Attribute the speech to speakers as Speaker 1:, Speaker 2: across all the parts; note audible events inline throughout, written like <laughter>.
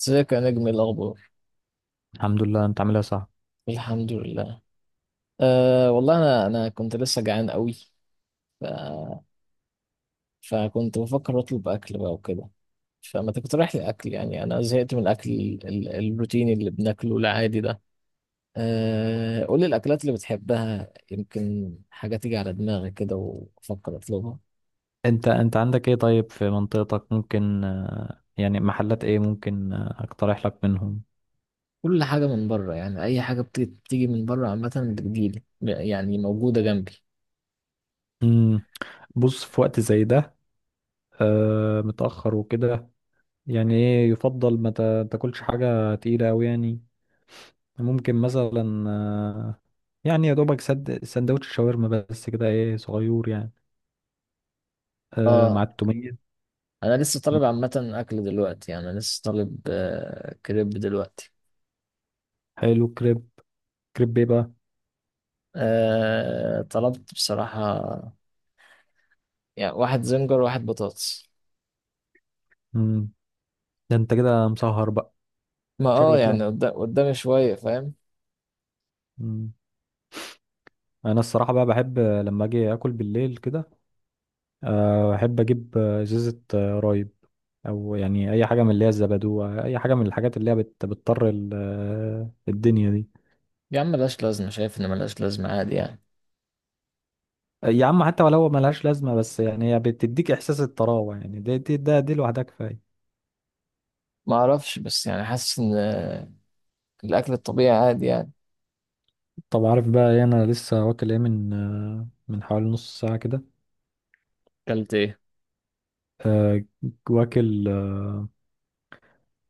Speaker 1: ازيك يا نجم؟ إيه الاخبار؟
Speaker 2: الحمد لله، انت عاملها صح.
Speaker 1: الحمد لله. أه والله انا كنت لسه جعان قوي. ف... فكنت بفكر اطلب اكل بقى وكده. فما تقترح لي اكل؟ يعني انا زهقت من الاكل، ال... الروتيني اللي بناكله العادي ده. أه قول لي الاكلات اللي بتحبها، يمكن حاجه تيجي على دماغي كده وافكر اطلبها.
Speaker 2: انت عندك ايه طيب؟ في منطقتك ممكن يعني محلات ايه ممكن، اقترح لك منهم؟
Speaker 1: كل حاجه من بره، يعني اي حاجه بتيجي، من بره عامه. بتجيلي، يعني موجوده جنبي.
Speaker 2: مم. بص في وقت زي ده، متأخر وكده، يعني ايه يفضل ما تاكلش حاجة تقيلة اوي يعني. ممكن مثلا، يعني يا دوبك سد سندوتش شاورما بس كده، ايه، صغير يعني، مع
Speaker 1: اه،
Speaker 2: التومية.
Speaker 1: انا لسه
Speaker 2: مم.
Speaker 1: طالب عامه اكل دلوقتي، يعني انا لسه طالب كريب دلوقتي.
Speaker 2: حلو، كريب. كريب ايه بقى؟
Speaker 1: طلبت بصراحه يعني واحد زنجر وواحد بطاطس.
Speaker 2: مم. ده انت كده مسهر بقى،
Speaker 1: ما اه
Speaker 2: شكلك كده.
Speaker 1: يعني قدامي شويه، فاهم؟
Speaker 2: مم. انا الصراحه بقى بحب لما اجي اكل بالليل كده، احب اجيب ازازه رايب، او يعني اي حاجه من اللي هي الزبادو، اي حاجه من الحاجات اللي هي بتطر الدنيا دي.
Speaker 1: يا عم ملهاش لازمه، شايف ان ملهاش لازمه، عادي يعني.
Speaker 2: يا عم، حتى ولو ملهاش لازمه، بس يعني هي بتديك احساس الطراوه، يعني دي لوحدها كفايه.
Speaker 1: ما اعرفش، بس يعني حاسس ان الاكل الطبيعي عادي يعني.
Speaker 2: طب عارف بقى ايه؟ انا لسه واكل ايه من من حوالي نص ساعه كده.
Speaker 1: اكلت ايه؟
Speaker 2: آه، واكل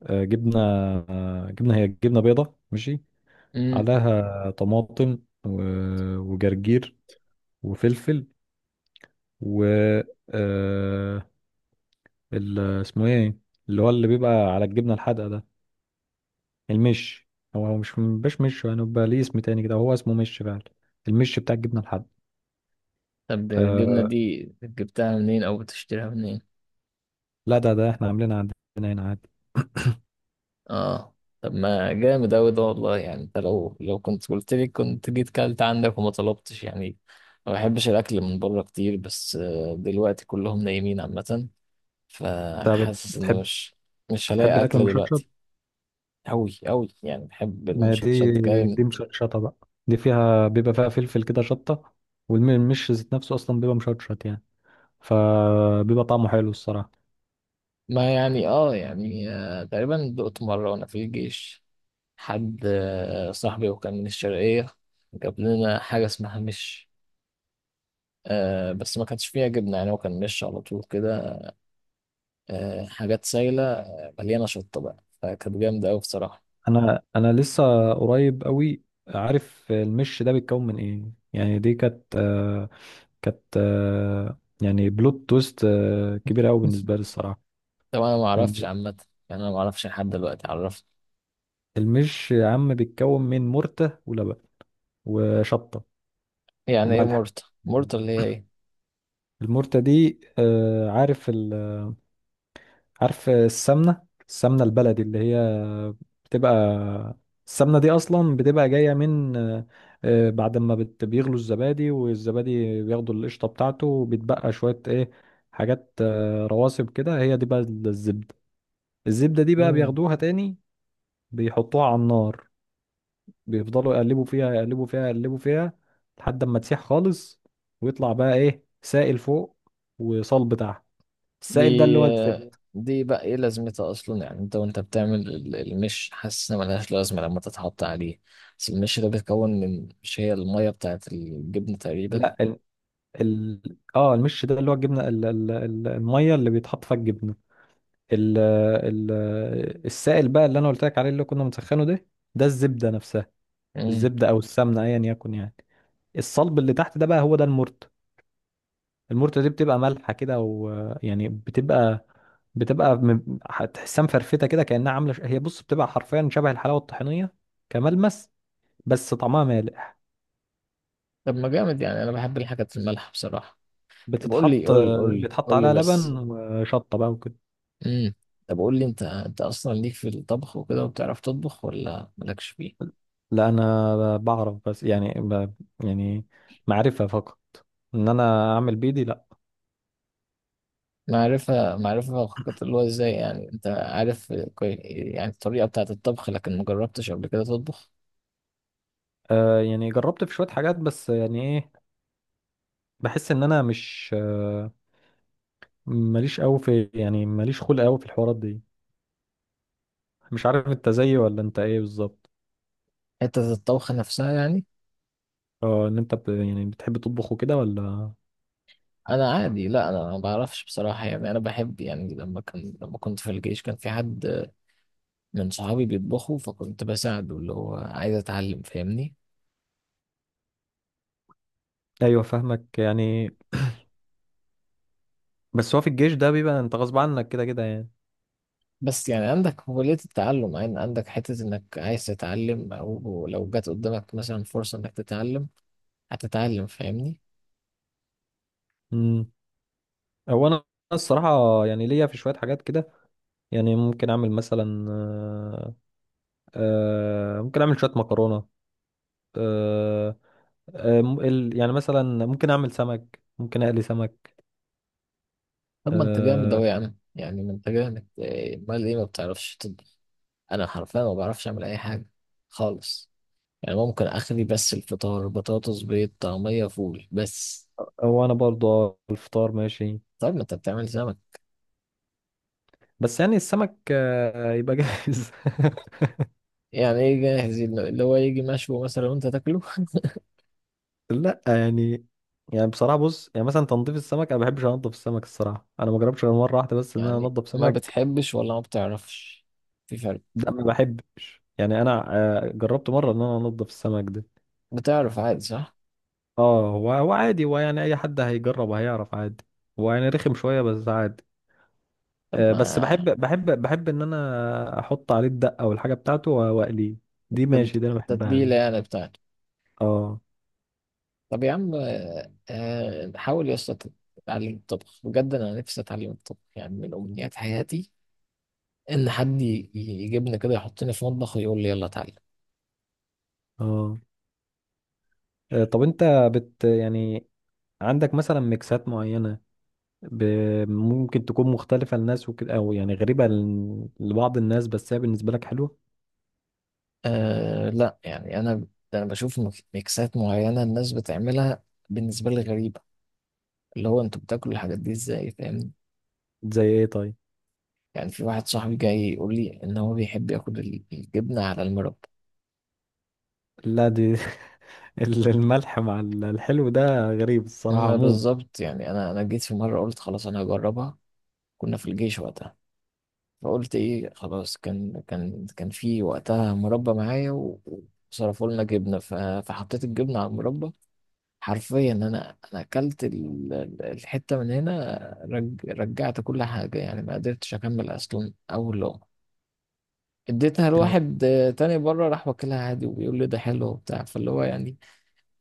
Speaker 2: جبنه، جبنه، هي جبنه بيضه ماشي،
Speaker 1: امم.
Speaker 2: عليها طماطم، وجرجير، وفلفل، و آه اسمه ايه؟ اللي هو اللي بيبقى على الجبنة الحادقة ده، المش. هو مش يعني، بيبقى ليه اسم تاني كده، هو اسمه مش فعلا، المش بتاع الجبنة الحادقة.
Speaker 1: طب الجبنه
Speaker 2: آه
Speaker 1: دي جبتها منين، او بتشتريها منين؟
Speaker 2: لا، ده احنا عاملينها عندنا هنا عادي.
Speaker 1: اه، طب ما جامد أوي ده والله. يعني انت لو كنت قلت لي كنت جيت كلت عندك وما طلبتش يعني. ما بحبش الأكل من بره كتير، بس دلوقتي كلهم نايمين عامة.
Speaker 2: انت بت-
Speaker 1: فحاسس إن
Speaker 2: بتحب
Speaker 1: مش
Speaker 2: بتحب
Speaker 1: هلاقي
Speaker 2: الأكل
Speaker 1: أكل
Speaker 2: المشطشط.
Speaker 1: دلوقتي. أوي أوي، يعني بحب
Speaker 2: ما هي
Speaker 1: المشطشط
Speaker 2: دي
Speaker 1: جامد.
Speaker 2: دي مشطشطة بقى، دي بيبقى فيها فلفل كده شطة، والمش ذات نفسه أصلا بيبقى مشطشط يعني، فبيبقى طعمه حلو الصراحة.
Speaker 1: ما يعني اه يعني تقريبا دقت مرة وأنا في الجيش. حد صاحبي وكان من الشرقية جاب لنا حاجة اسمها مش. آه، بس ما كانش فيها جبنة، يعني هو كان مش على طول كده. حاجات سايلة مليانة شطة بقى، فكانت جامدة أوي بصراحة.
Speaker 2: انا لسه قريب قوي، عارف المش ده بيتكون من ايه يعني. دي كانت يعني بلوت تويست كبيره قوي بالنسبه لي
Speaker 1: <laughs>
Speaker 2: الصراحه.
Speaker 1: طب أنا معرفش
Speaker 2: لأن
Speaker 1: عامة، يعني أنا معرفش لحد دلوقتي عرفت.
Speaker 2: المش يا عم بيتكون من مرتة ولبن وشطه
Speaker 1: يعني إيه
Speaker 2: وملح.
Speaker 1: مورتا؟ مورتا اللي هي إيه؟
Speaker 2: المرتة دي، عارف؟ عارف السمنة البلدي اللي هي بتبقى، السمنة دي أصلا بتبقى جاية من بعد ما بيغلوا الزبادي، والزبادي بياخدوا القشطة بتاعته وبتبقى شوية إيه، حاجات رواسب كده، هي دي بقى الزبدة. الزبدة دي بقى
Speaker 1: مم.
Speaker 2: بياخدوها تاني، بيحطوها على النار، بيفضلوا يقلبوا فيها يقلبوا فيها يقلبوا فيها لحد ما تسيح خالص، ويطلع بقى إيه، سائل فوق وصلب تحت.
Speaker 1: دي
Speaker 2: السائل ده اللي هو الزبدة.
Speaker 1: دي بقى إيه لازمتها أصلا؟ يعني أنت وأنت بتعمل المش، حاسس إن ملهاش لازمة لما تتحط عليه. بس المش ده بيتكون من، مش هي المية بتاعت الجبن تقريبا؟
Speaker 2: لا، ال... اه، المش ده اللي هو الجبنه، الميه اللي بيتحط فيها الجبنه، ال... ال... السائل بقى اللي انا قلت لك عليه، اللي كنا مسخنه ده، ده الزبده نفسها،
Speaker 1: مم.
Speaker 2: الزبده او السمنه ايا يكن يعني. الصلب اللي تحت ده بقى، هو ده المرت. المرت دي بتبقى مالحه كده، ويعني بتبقى، بتبقى هتحسها مفرفته كده، كانها عامله هي بص، بتبقى حرفيا شبه الحلاوه الطحينيه كملمس، بس طعمها مالح.
Speaker 1: طب ما جامد، يعني أنا بحب الحاجات المالحة بصراحة. طب قول لي،
Speaker 2: بتتحط
Speaker 1: قول لي قول لي
Speaker 2: بيتحط
Speaker 1: قول لي
Speaker 2: عليها
Speaker 1: بس.
Speaker 2: لبن وشطه بقى وكده.
Speaker 1: امم. طب قول لي، انت اصلا ليك في الطبخ وكده وبتعرف تطبخ، ولا مالكش فيه؟
Speaker 2: لا، انا بعرف، بس يعني يعني معرفة فقط، ان انا اعمل بيدي لا.
Speaker 1: معرفة، فقط. اللي هو ازاي يعني انت عارف يعني الطريقة بتاعة الطبخ، لكن ما جربتش قبل كده تطبخ.
Speaker 2: يعني جربت في شوية حاجات، بس يعني ايه، بحس ان انا مش ماليش قوي في، يعني ماليش خلق قوي في الحوارات دي. مش عارف انت زيي ولا انت ايه بالظبط؟
Speaker 1: حتة الطبخ نفسها يعني.
Speaker 2: اه، ان انت يعني بتحب تطبخ وكده ولا؟
Speaker 1: انا عادي، لا انا ما بعرفش بصراحة. يعني انا بحب، يعني لما كان، كنت في الجيش كان في حد من صحابي بيطبخوا، فكنت بساعده، اللي هو عايز اتعلم، فاهمني؟
Speaker 2: ايوه، فاهمك يعني، بس هو في الجيش ده بيبقى انت غصب عنك كده كده يعني.
Speaker 1: بس يعني عندك قابلية التعلم، عندك حتة انك عايز تتعلم، او لو جات قدامك مثلا فرصة انك تتعلم هتتعلم، فاهمني؟
Speaker 2: امم هو انا الصراحة يعني ليا في شوية حاجات كده، يعني ممكن اعمل شويه مكرونه، آه، يعني مثلا ممكن اقلي سمك.
Speaker 1: طب ما انت جامد
Speaker 2: آه،
Speaker 1: اوي يا عم، يعني ما انت جامد إيه، امال ايه ما بتعرفش تطبخ؟ انا حرفيا ما بعرفش اعمل اي حاجة خالص. يعني ممكن اخلي بس الفطار بطاطس بيض طعمية فول بس.
Speaker 2: او انا برضه الفطار ماشي،
Speaker 1: طب ما انت بتعمل سمك.
Speaker 2: بس يعني السمك يبقى جاهز <laughs>
Speaker 1: يعني ايه جاهز؟ اللي هو يجي مشوي مثلا وانت تاكله؟ <laughs>
Speaker 2: لا يعني، يعني بصراحه بص، يعني مثلا تنظيف السمك انا ما بحبش انضف السمك الصراحه، انا ما جربتش غير مره واحده بس ان انا
Speaker 1: يعني
Speaker 2: انضف
Speaker 1: ما
Speaker 2: سمك.
Speaker 1: بتحبش ولا ما بتعرفش؟ في فرق.
Speaker 2: ده ما بحبش يعني، انا جربت مره ان انا انضف السمك ده.
Speaker 1: بتعرف عادي صح؟
Speaker 2: اه، هو عادي، هو يعني اي حد هيجرب هيعرف عادي، هو يعني رخم شويه بس عادي.
Speaker 1: طب
Speaker 2: بس بحب
Speaker 1: ما
Speaker 2: بحب بحب ان انا احط عليه الدقه والحاجه بتاعته واقليه. دي
Speaker 1: تت-
Speaker 2: ماشي، دي انا بحبها
Speaker 1: تتبيلة
Speaker 2: دي.
Speaker 1: يعني بتاعته.
Speaker 2: اه،
Speaker 1: طب يا عم، حاول يا اسطى تتعلم الطبخ بجد. أنا نفسي أتعلم الطبخ، يعني من أمنيات حياتي إن حد يجيبني كده يحطني في مطبخ ويقول لي يلا اتعلم.
Speaker 2: اه. طب انت بت يعني عندك مثلا ميكسات معينه، ب... ممكن تكون مختلفه للناس وكده، او يعني غريبه لبعض الناس بس هي بالنسبه لك حلوه.
Speaker 1: أه لا، يعني أنا، أنا بشوف ميكسات معينة الناس بتعملها بالنسبة لي غريبة، اللي هو أنتوا بتاكلوا الحاجات دي إزاي، فاهمني؟
Speaker 2: زي ايه طيب؟
Speaker 1: يعني في واحد صاحبي جاي يقول لي إن هو بيحب ياكل الجبنة على المربى.
Speaker 2: لا دي <laughs> الملح مع الحلو ده غريب الصراحه
Speaker 1: ما
Speaker 2: عموما،
Speaker 1: بالظبط، يعني أنا، جيت في مرة قلت خلاص أنا هجربها. كنا في الجيش وقتها. فقلت ايه خلاص، كان، كان في وقتها مربى معايا، وصرفوا لنا جبنه، فحطيت الجبنه على المربى. حرفيا انا، اكلت الحته من هنا، رجعت كل حاجه، يعني ما قدرتش اكمل اصلا اول لقمه. اديتها
Speaker 2: آه،
Speaker 1: لواحد تاني بره، راح واكلها عادي وبيقول لي ده حلو وبتاع، فاللي هو يعني.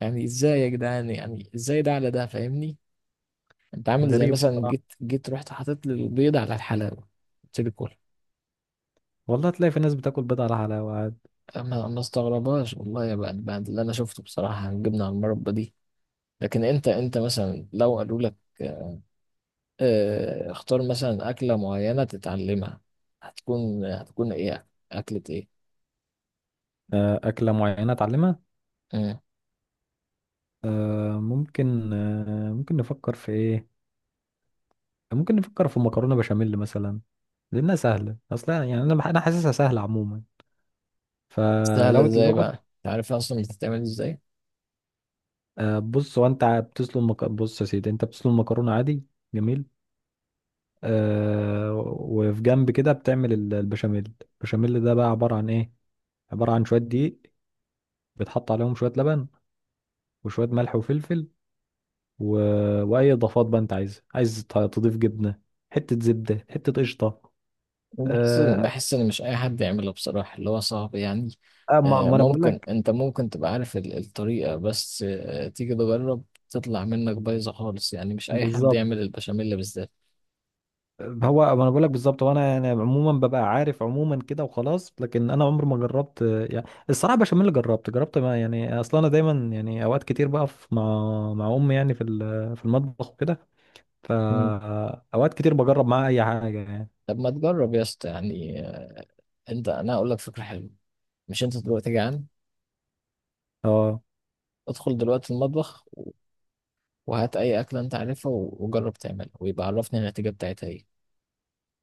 Speaker 1: يعني ازاي يا جدعان؟ يعني ازاي ده على ده، فاهمني؟ انت عامل زي
Speaker 2: غريب
Speaker 1: مثلا
Speaker 2: الصراحه.
Speaker 1: جيت، رحت حاطط لي البيض على الحلاوه، قلت لي كل.
Speaker 2: والله تلاقي في ناس بتاكل بيض على حلاوه عادي.
Speaker 1: ما ما استغربهاش والله يا بقى بعد اللي انا شفته بصراحه، الجبنه على المربى دي. لكن انت، مثلا لو قالوا لك اختار مثلا اكله معينه تتعلمها، هتكون، ايه اكله ايه؟
Speaker 2: اكله معينه اتعلمها،
Speaker 1: مم.
Speaker 2: ممكن نفكر في ايه، ممكن نفكر في مكرونة بشاميل مثلا، لانها سهلة اصلا، يعني انا انا حاسسها سهلة عموما.
Speaker 1: سهله
Speaker 2: فلو
Speaker 1: ازاي
Speaker 2: الواحد،
Speaker 1: بقى؟ انت عارف اصلا بتتعمل ازاي؟
Speaker 2: بص يا سيدي، انت بتسلق مكرونة عادي، جميل، آه وفي جنب كده بتعمل البشاميل. البشاميل ده بقى عبارة عن ايه؟ عبارة عن شوية دقيق، بتحط عليهم شوية لبن وشوية ملح وفلفل و... واي اضافات بقى انت عايزها، عايز تضيف جبنة، حتة زبدة، حتة قشطة.
Speaker 1: بحس ان،
Speaker 2: آه،
Speaker 1: مش اي حد يعملها بصراحه. اللي هو صعب يعني.
Speaker 2: آه، ما ما انا بقول
Speaker 1: ممكن
Speaker 2: لك
Speaker 1: انت، ممكن تبقى عارف الطريقه، بس تيجي تجرب تطلع منك بايظه خالص. يعني مش اي حد
Speaker 2: بالظبط.
Speaker 1: يعمل البشاميل بالذات.
Speaker 2: هو، ما انا بقول لك بالظبط، وانا يعني عموما ببقى عارف عموما كده وخلاص، لكن انا عمري ما جربت، يعني الصراحه بشاميل جربت ما، يعني اصلا انا دايما يعني اوقات كتير بقف مع امي يعني في المطبخ وكده، فاوقات كتير بجرب معاها اي حاجه يعني.
Speaker 1: طب ما تجرب يا اسطى يعني. انت، انا اقول لك فكره حلوه. مش انت دلوقتي جعان؟
Speaker 2: اه،
Speaker 1: ادخل دلوقتي المطبخ وهات اي اكله انت عارفها، وجرب تعملها، ويبقى عرفني النتيجه بتاعتها ايه.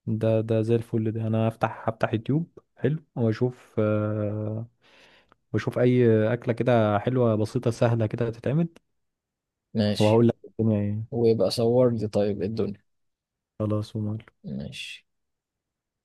Speaker 2: ده زي الفل. ده انا هفتح يوتيوب حلو واشوف، واشوف اي اكله كده حلوه بسيطه سهله كده تتعمل،
Speaker 1: ماشي،
Speaker 2: وهقول لك الدنيا ايه.
Speaker 1: ويبقى صور لي. طيب إيه الدنيا؟
Speaker 2: خلاص ومال.
Speaker 1: ماشي.